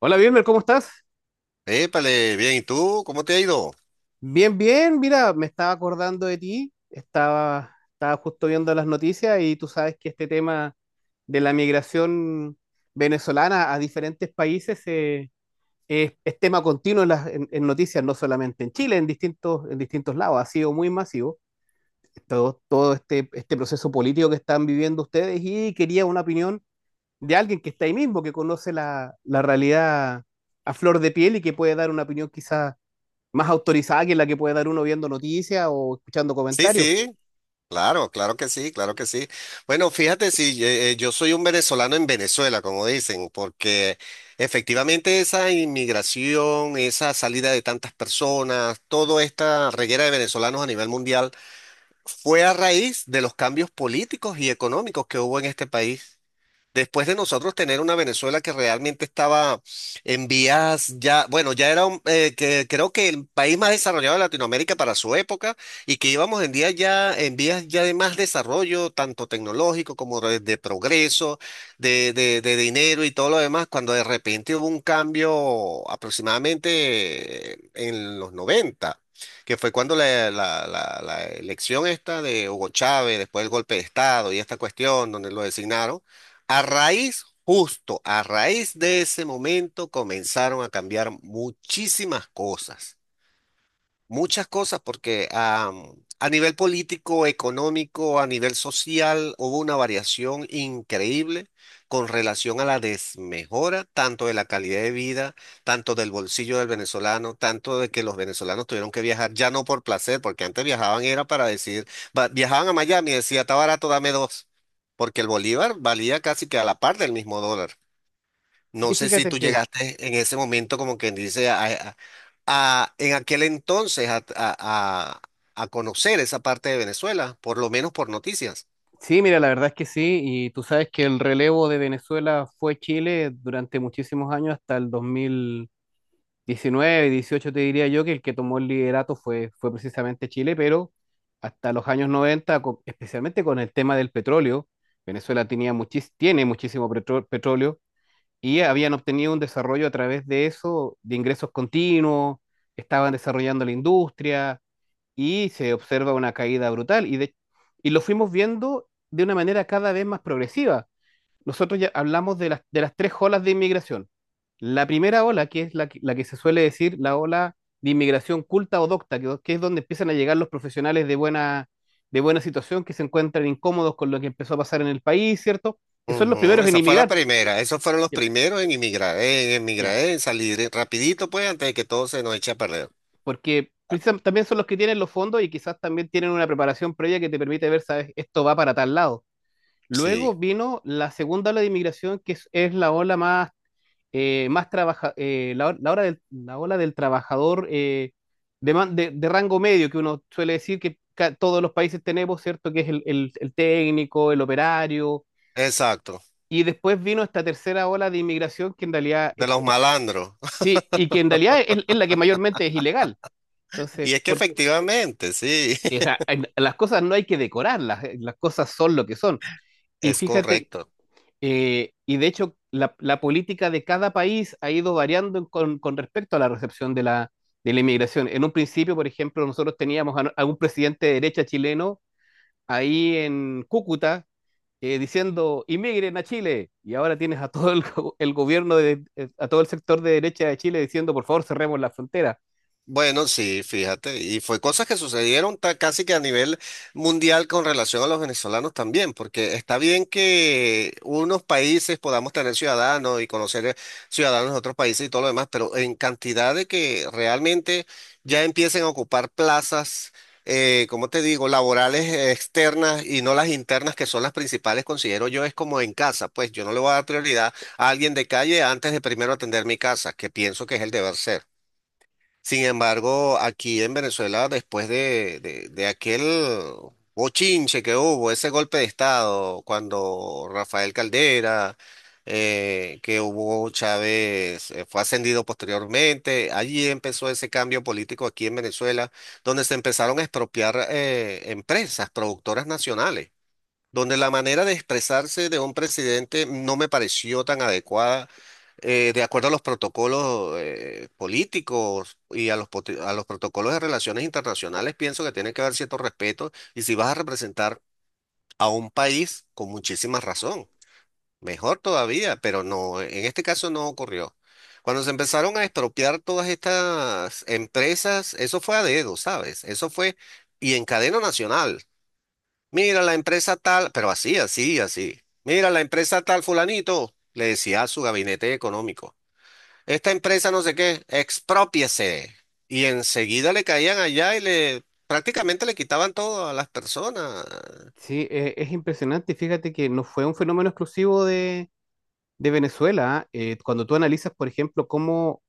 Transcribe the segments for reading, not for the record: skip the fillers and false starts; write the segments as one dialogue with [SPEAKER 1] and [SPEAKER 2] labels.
[SPEAKER 1] Hola, Wilmer, ¿cómo estás?
[SPEAKER 2] Épale, bien, ¿y tú? ¿Cómo te ha ido?
[SPEAKER 1] Bien, bien, mira, me estaba acordando de ti, estaba justo viendo las noticias y tú sabes que este tema de la migración venezolana a diferentes países es tema continuo en, las, en noticias, no solamente en Chile, en distintos lados, ha sido muy masivo todo este proceso político que están viviendo ustedes y quería una opinión de alguien que está ahí mismo, que conoce la realidad a flor de piel y que puede dar una opinión quizás más autorizada que la que puede dar uno viendo noticias o escuchando
[SPEAKER 2] Sí,
[SPEAKER 1] comentarios.
[SPEAKER 2] sí, claro, claro que sí, claro que sí. Bueno, fíjate, si yo soy un venezolano en Venezuela, como dicen, porque efectivamente esa inmigración, esa salida de tantas personas, toda esta reguera de venezolanos a nivel mundial, fue a raíz de los cambios políticos y económicos que hubo en este país. Después de nosotros tener una Venezuela que realmente estaba en vías ya, bueno, ya era un, que creo que el país más desarrollado de Latinoamérica para su época y que íbamos en día ya en vías ya de más desarrollo, tanto tecnológico como de progreso, de dinero y todo lo demás, cuando de repente hubo un cambio aproximadamente en los 90, que fue cuando la elección esta de Hugo Chávez, después del golpe de Estado y esta cuestión donde lo designaron a raíz, justo a raíz de ese momento, comenzaron a cambiar muchísimas cosas. Muchas cosas, porque a nivel político, económico, a nivel social, hubo una variación increíble con relación a la desmejora, tanto de la calidad de vida, tanto del bolsillo del venezolano, tanto de que los venezolanos tuvieron que viajar, ya no por placer, porque antes viajaban era para decir, viajaban a Miami y decía, está barato, dame dos, porque el bolívar valía casi que a la par del mismo dólar.
[SPEAKER 1] Sí,
[SPEAKER 2] No sé si
[SPEAKER 1] fíjate
[SPEAKER 2] tú
[SPEAKER 1] que
[SPEAKER 2] llegaste en ese momento, como quien dice, en aquel entonces a conocer esa parte de Venezuela, por lo menos por noticias.
[SPEAKER 1] sí, mira, la verdad es que sí, y tú sabes que el relevo de Venezuela fue Chile durante muchísimos años, hasta el 2019, 18 te diría yo, que el que tomó el liderato fue precisamente Chile, pero hasta los años 90, especialmente con el tema del petróleo, Venezuela tiene muchísimo petróleo y habían obtenido un desarrollo a través de eso, de ingresos continuos, estaban desarrollando la industria, y se observa una caída brutal. Y lo fuimos viendo de una manera cada vez más progresiva. Nosotros ya hablamos de las, tres olas de inmigración. La primera ola, que es la que se suele decir la ola de inmigración culta o docta, que es donde empiezan a llegar los profesionales de buena situación que se encuentran incómodos con lo que empezó a pasar en el país, ¿cierto? Que son los
[SPEAKER 2] Ujú,
[SPEAKER 1] primeros en
[SPEAKER 2] esa fue la
[SPEAKER 1] inmigrar.
[SPEAKER 2] primera, esos fueron los
[SPEAKER 1] Ya,
[SPEAKER 2] primeros en emigrar, en
[SPEAKER 1] ya.
[SPEAKER 2] emigrar, en salir rapidito, pues, antes de que todo se nos eche a perder.
[SPEAKER 1] Porque también son los que tienen los fondos y quizás también tienen una preparación previa que te permite ver, ¿sabes? Esto va para tal lado.
[SPEAKER 2] Sí,
[SPEAKER 1] Luego vino la segunda ola de inmigración, que es la ola más, más trabaja, la, o- la ola del trabajador de rango medio, que uno suele decir que todos los países tenemos, ¿cierto? Que es el técnico, el operario.
[SPEAKER 2] exacto,
[SPEAKER 1] Y después vino esta tercera ola de inmigración, que en realidad
[SPEAKER 2] de los malandros.
[SPEAKER 1] sí, y que en realidad es la que mayormente es ilegal. Entonces,
[SPEAKER 2] Y es que efectivamente, sí,
[SPEAKER 1] o sea, las cosas no hay que decorarlas, las cosas son lo que son. Y
[SPEAKER 2] es
[SPEAKER 1] fíjate.
[SPEAKER 2] correcto.
[SPEAKER 1] Y de hecho, la política de cada país ha ido variando con, respecto a la recepción de la inmigración. En un principio, por ejemplo, nosotros teníamos a un presidente de derecha chileno ahí en Cúcuta diciendo, inmigren a Chile. Y ahora tienes a todo el gobierno, a todo el sector de derecha de Chile diciendo, por favor, cerremos la frontera.
[SPEAKER 2] Bueno, sí, fíjate, y fue cosas que sucedieron casi que a nivel mundial con relación a los venezolanos también, porque está bien que unos países podamos tener ciudadanos y conocer ciudadanos de otros países y todo lo demás, pero en cantidad de que realmente ya empiecen a ocupar plazas, como te digo, laborales externas y no las internas, que son las principales, considero yo, es como en casa, pues yo no le voy a dar prioridad a alguien de calle antes de primero atender mi casa, que pienso que es el deber ser. Sin embargo, aquí en Venezuela, después de aquel bochinche que hubo, ese golpe de Estado, cuando Rafael Caldera, que Hugo Chávez fue ascendido posteriormente, allí empezó ese cambio político aquí en Venezuela, donde se empezaron a expropiar empresas, productoras nacionales donde la manera de expresarse de un presidente no me pareció tan adecuada, de acuerdo a los protocolos políticos y a los, a los protocolos de relaciones internacionales, pienso que tiene que haber cierto respeto y si vas a representar a un país con muchísima razón, mejor todavía, pero no, en este caso no ocurrió. Cuando se empezaron a expropiar todas estas empresas, eso fue a dedo, ¿sabes? Eso fue y en cadena nacional. Mira, la empresa tal, pero así, así, así. Mira, la empresa tal, fulanito, le decía a su gabinete económico. Esta empresa no sé qué, exprópiese. Y enseguida le caían allá y le prácticamente le quitaban todo a las personas.
[SPEAKER 1] Sí, es impresionante. Fíjate que no fue un fenómeno exclusivo de, Venezuela. ¿Ah? Cuando tú analizas, por ejemplo, cómo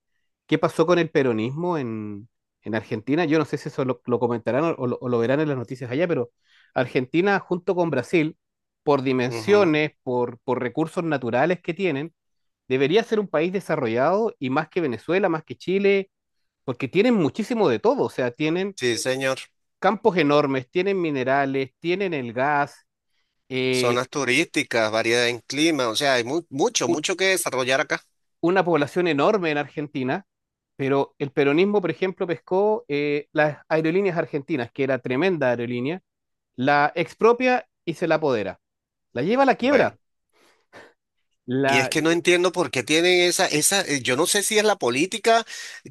[SPEAKER 1] qué pasó con el peronismo en, Argentina. Yo no sé si eso lo comentarán o lo verán en las noticias allá, pero Argentina junto con Brasil, por
[SPEAKER 2] Ujú.
[SPEAKER 1] dimensiones, por recursos naturales que tienen, debería ser un país desarrollado y más que Venezuela, más que Chile, porque tienen muchísimo de todo, o sea, tienen
[SPEAKER 2] Sí, señor.
[SPEAKER 1] campos enormes, tienen minerales, tienen el gas, eh,
[SPEAKER 2] Zonas turísticas, variedad en clima, o sea, hay mucho,
[SPEAKER 1] u-
[SPEAKER 2] mucho que desarrollar acá.
[SPEAKER 1] una población enorme en Argentina, pero el peronismo, por ejemplo, pescó las aerolíneas argentinas, que era tremenda aerolínea, la expropia y se la apodera. La lleva a la quiebra.
[SPEAKER 2] Bueno. Y es
[SPEAKER 1] La...
[SPEAKER 2] que no entiendo por qué tienen esa, esa, yo no sé si es la política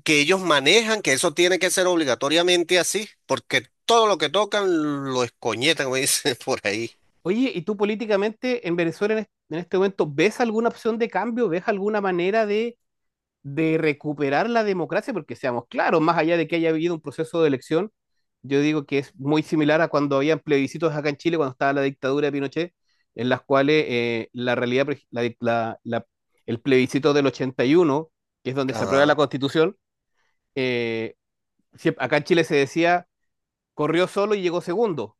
[SPEAKER 2] que ellos manejan, que eso tiene que ser obligatoriamente así, porque todo lo que tocan lo escoñetan, como dicen por ahí.
[SPEAKER 1] Oye, ¿y tú políticamente en Venezuela en este momento ves alguna opción de cambio? ¿Ves alguna manera de recuperar la democracia, porque seamos claros, más allá de que haya habido un proceso de elección, yo digo que es muy similar a cuando había plebiscitos acá en Chile, cuando estaba la dictadura de Pinochet, en las cuales la realidad, la, el plebiscito del 81, que es donde se aprueba la
[SPEAKER 2] Ajá.
[SPEAKER 1] constitución, eh, acá en Chile se decía, corrió solo y llegó segundo.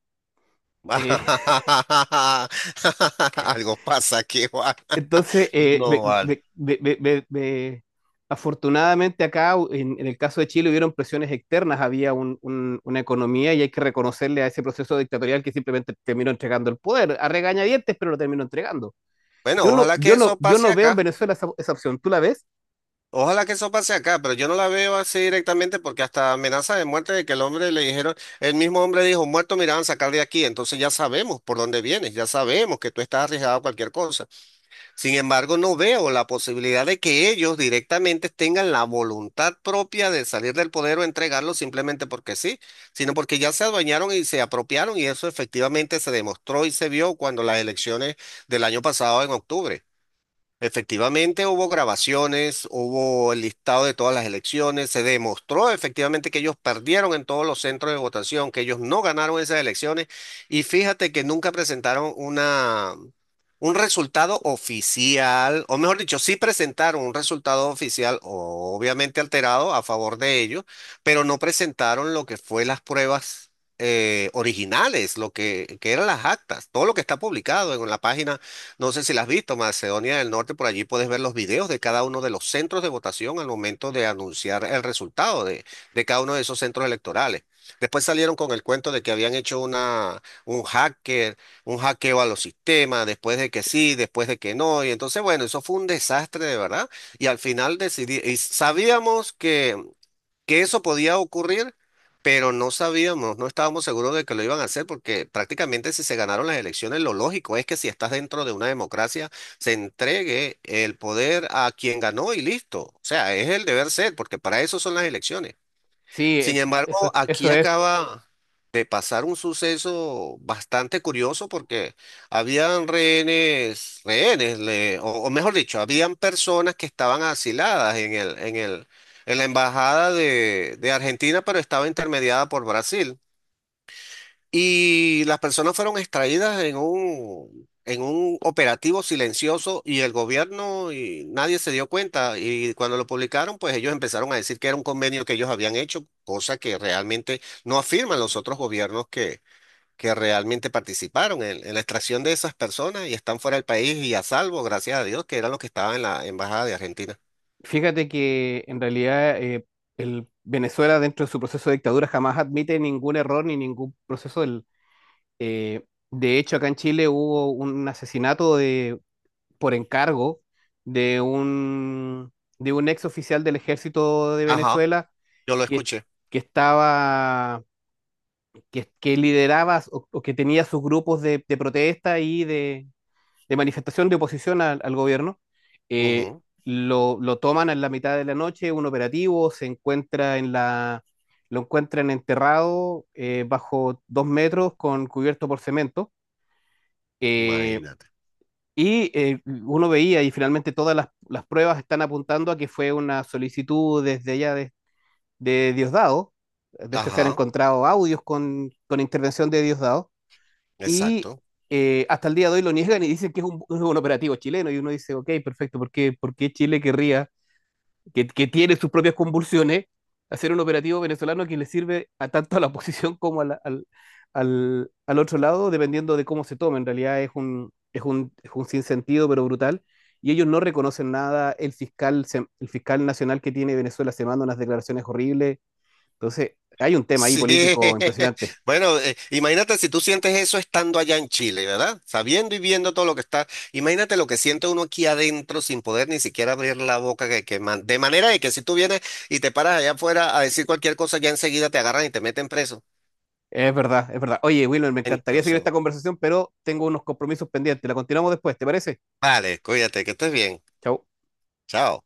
[SPEAKER 1] Eh,
[SPEAKER 2] Algo pasa aquí, Juan.
[SPEAKER 1] Entonces,
[SPEAKER 2] No vale.
[SPEAKER 1] afortunadamente acá, en el caso de Chile, hubieron presiones externas, había una economía y hay que reconocerle a ese proceso dictatorial que simplemente terminó entregando el poder, a regañadientes, pero lo terminó entregando.
[SPEAKER 2] Bueno,
[SPEAKER 1] Yo no,
[SPEAKER 2] ojalá que
[SPEAKER 1] yo no,
[SPEAKER 2] eso
[SPEAKER 1] yo
[SPEAKER 2] pase
[SPEAKER 1] no veo en
[SPEAKER 2] acá.
[SPEAKER 1] Venezuela esa, opción. ¿Tú la ves?
[SPEAKER 2] Ojalá que eso pase acá, pero yo no la veo así directamente porque hasta amenaza de muerte de que el hombre le dijeron, el mismo hombre dijo, muerto me irán a sacar de aquí, entonces ya sabemos por dónde vienes, ya sabemos que tú estás arriesgado a cualquier cosa. Sin embargo, no veo la posibilidad de que ellos directamente tengan la voluntad propia de salir del poder o entregarlo simplemente porque sí, sino porque ya se adueñaron y se apropiaron y eso efectivamente se demostró y se vio cuando las elecciones del año pasado en octubre. Efectivamente hubo grabaciones, hubo el listado de todas las elecciones, se demostró efectivamente que ellos perdieron en todos los centros de votación, que ellos no ganaron esas elecciones y fíjate que nunca presentaron una, un resultado oficial, o mejor dicho, sí presentaron un resultado oficial obviamente alterado a favor de ellos, pero no presentaron lo que fue las pruebas originales, lo que eran las actas, todo lo que está publicado en la página no sé si las has visto, Macedonia del Norte, por allí puedes ver los videos de cada uno de los centros de votación al momento de anunciar el resultado de cada uno de esos centros electorales. Después salieron con el cuento de que habían hecho una, un hacker, un hackeo a los sistemas, después de que sí, después de que no. Y entonces, bueno, eso fue un desastre de verdad. Y al final decidí, y sabíamos que eso podía ocurrir, pero no sabíamos, no estábamos seguros de que lo iban a hacer, porque prácticamente si se ganaron las elecciones, lo lógico es que si estás dentro de una democracia, se entregue el poder a quien ganó y listo. O sea, es el deber ser, porque para eso son las elecciones.
[SPEAKER 1] Sí,
[SPEAKER 2] Sin embargo,
[SPEAKER 1] eso, eso,
[SPEAKER 2] aquí
[SPEAKER 1] es.
[SPEAKER 2] acaba de pasar un suceso bastante curioso porque habían rehenes, rehenes, o mejor dicho, habían personas que estaban asiladas en el, en el, en la embajada de Argentina, pero estaba intermediada por Brasil. Y las personas fueron extraídas en un operativo silencioso y el gobierno y nadie se dio cuenta. Y cuando lo publicaron, pues ellos empezaron a decir que era un convenio que ellos habían hecho, cosa que realmente no afirman los otros gobiernos que realmente participaron en la extracción de esas personas y están fuera del país y a salvo, gracias a Dios, que eran los que estaban en la embajada de Argentina.
[SPEAKER 1] Fíjate que en realidad el Venezuela dentro de su proceso de dictadura jamás admite ningún error ni ningún proceso. Eh, de hecho, acá en Chile hubo un asesinato de, por encargo de un, de un, ex oficial del ejército de
[SPEAKER 2] Ajá,
[SPEAKER 1] Venezuela
[SPEAKER 2] yo lo
[SPEAKER 1] que,
[SPEAKER 2] escuché.
[SPEAKER 1] que estaba, que lideraba o que tenía sus grupos de, protesta y de manifestación de oposición al gobierno. Eh,
[SPEAKER 2] Ujú.
[SPEAKER 1] lo toman en la mitad de la noche, un operativo, se encuentra en la, lo encuentran enterrado bajo 2 metros con cubierto por cemento eh,
[SPEAKER 2] Imagínate.
[SPEAKER 1] y uno veía, y finalmente todas las, pruebas están apuntando a que fue una solicitud desde allá de, Diosdado. De hecho, se han
[SPEAKER 2] Ajá,
[SPEAKER 1] encontrado audios con intervención de Diosdado. Y
[SPEAKER 2] exacto.
[SPEAKER 1] Hasta el día de hoy lo niegan y dicen que es un, operativo chileno. Y uno dice, ok, perfecto, ¿por qué Chile querría que tiene sus propias convulsiones, hacer un operativo venezolano que le sirve a tanto a la oposición como a al otro lado, dependiendo de cómo se tome. En realidad es un sinsentido, pero brutal. Y ellos no reconocen nada. El fiscal nacional que tiene Venezuela se manda unas declaraciones horribles. Entonces, hay un tema ahí
[SPEAKER 2] Sí,
[SPEAKER 1] político impresionante.
[SPEAKER 2] bueno, imagínate si tú sientes eso estando allá en Chile, ¿verdad? Sabiendo y viendo todo lo que está, imagínate lo que siente uno aquí adentro sin poder ni siquiera abrir la boca, que de manera de que si tú vienes y te paras allá afuera a decir cualquier cosa, ya enseguida te agarran y te meten preso.
[SPEAKER 1] Es verdad, es verdad. Oye, Wilmer, me encantaría seguir
[SPEAKER 2] Entonces,
[SPEAKER 1] esta conversación, pero tengo unos compromisos pendientes. La continuamos después, ¿te parece?
[SPEAKER 2] vale, cuídate, que estés bien.
[SPEAKER 1] Chau.
[SPEAKER 2] Chao.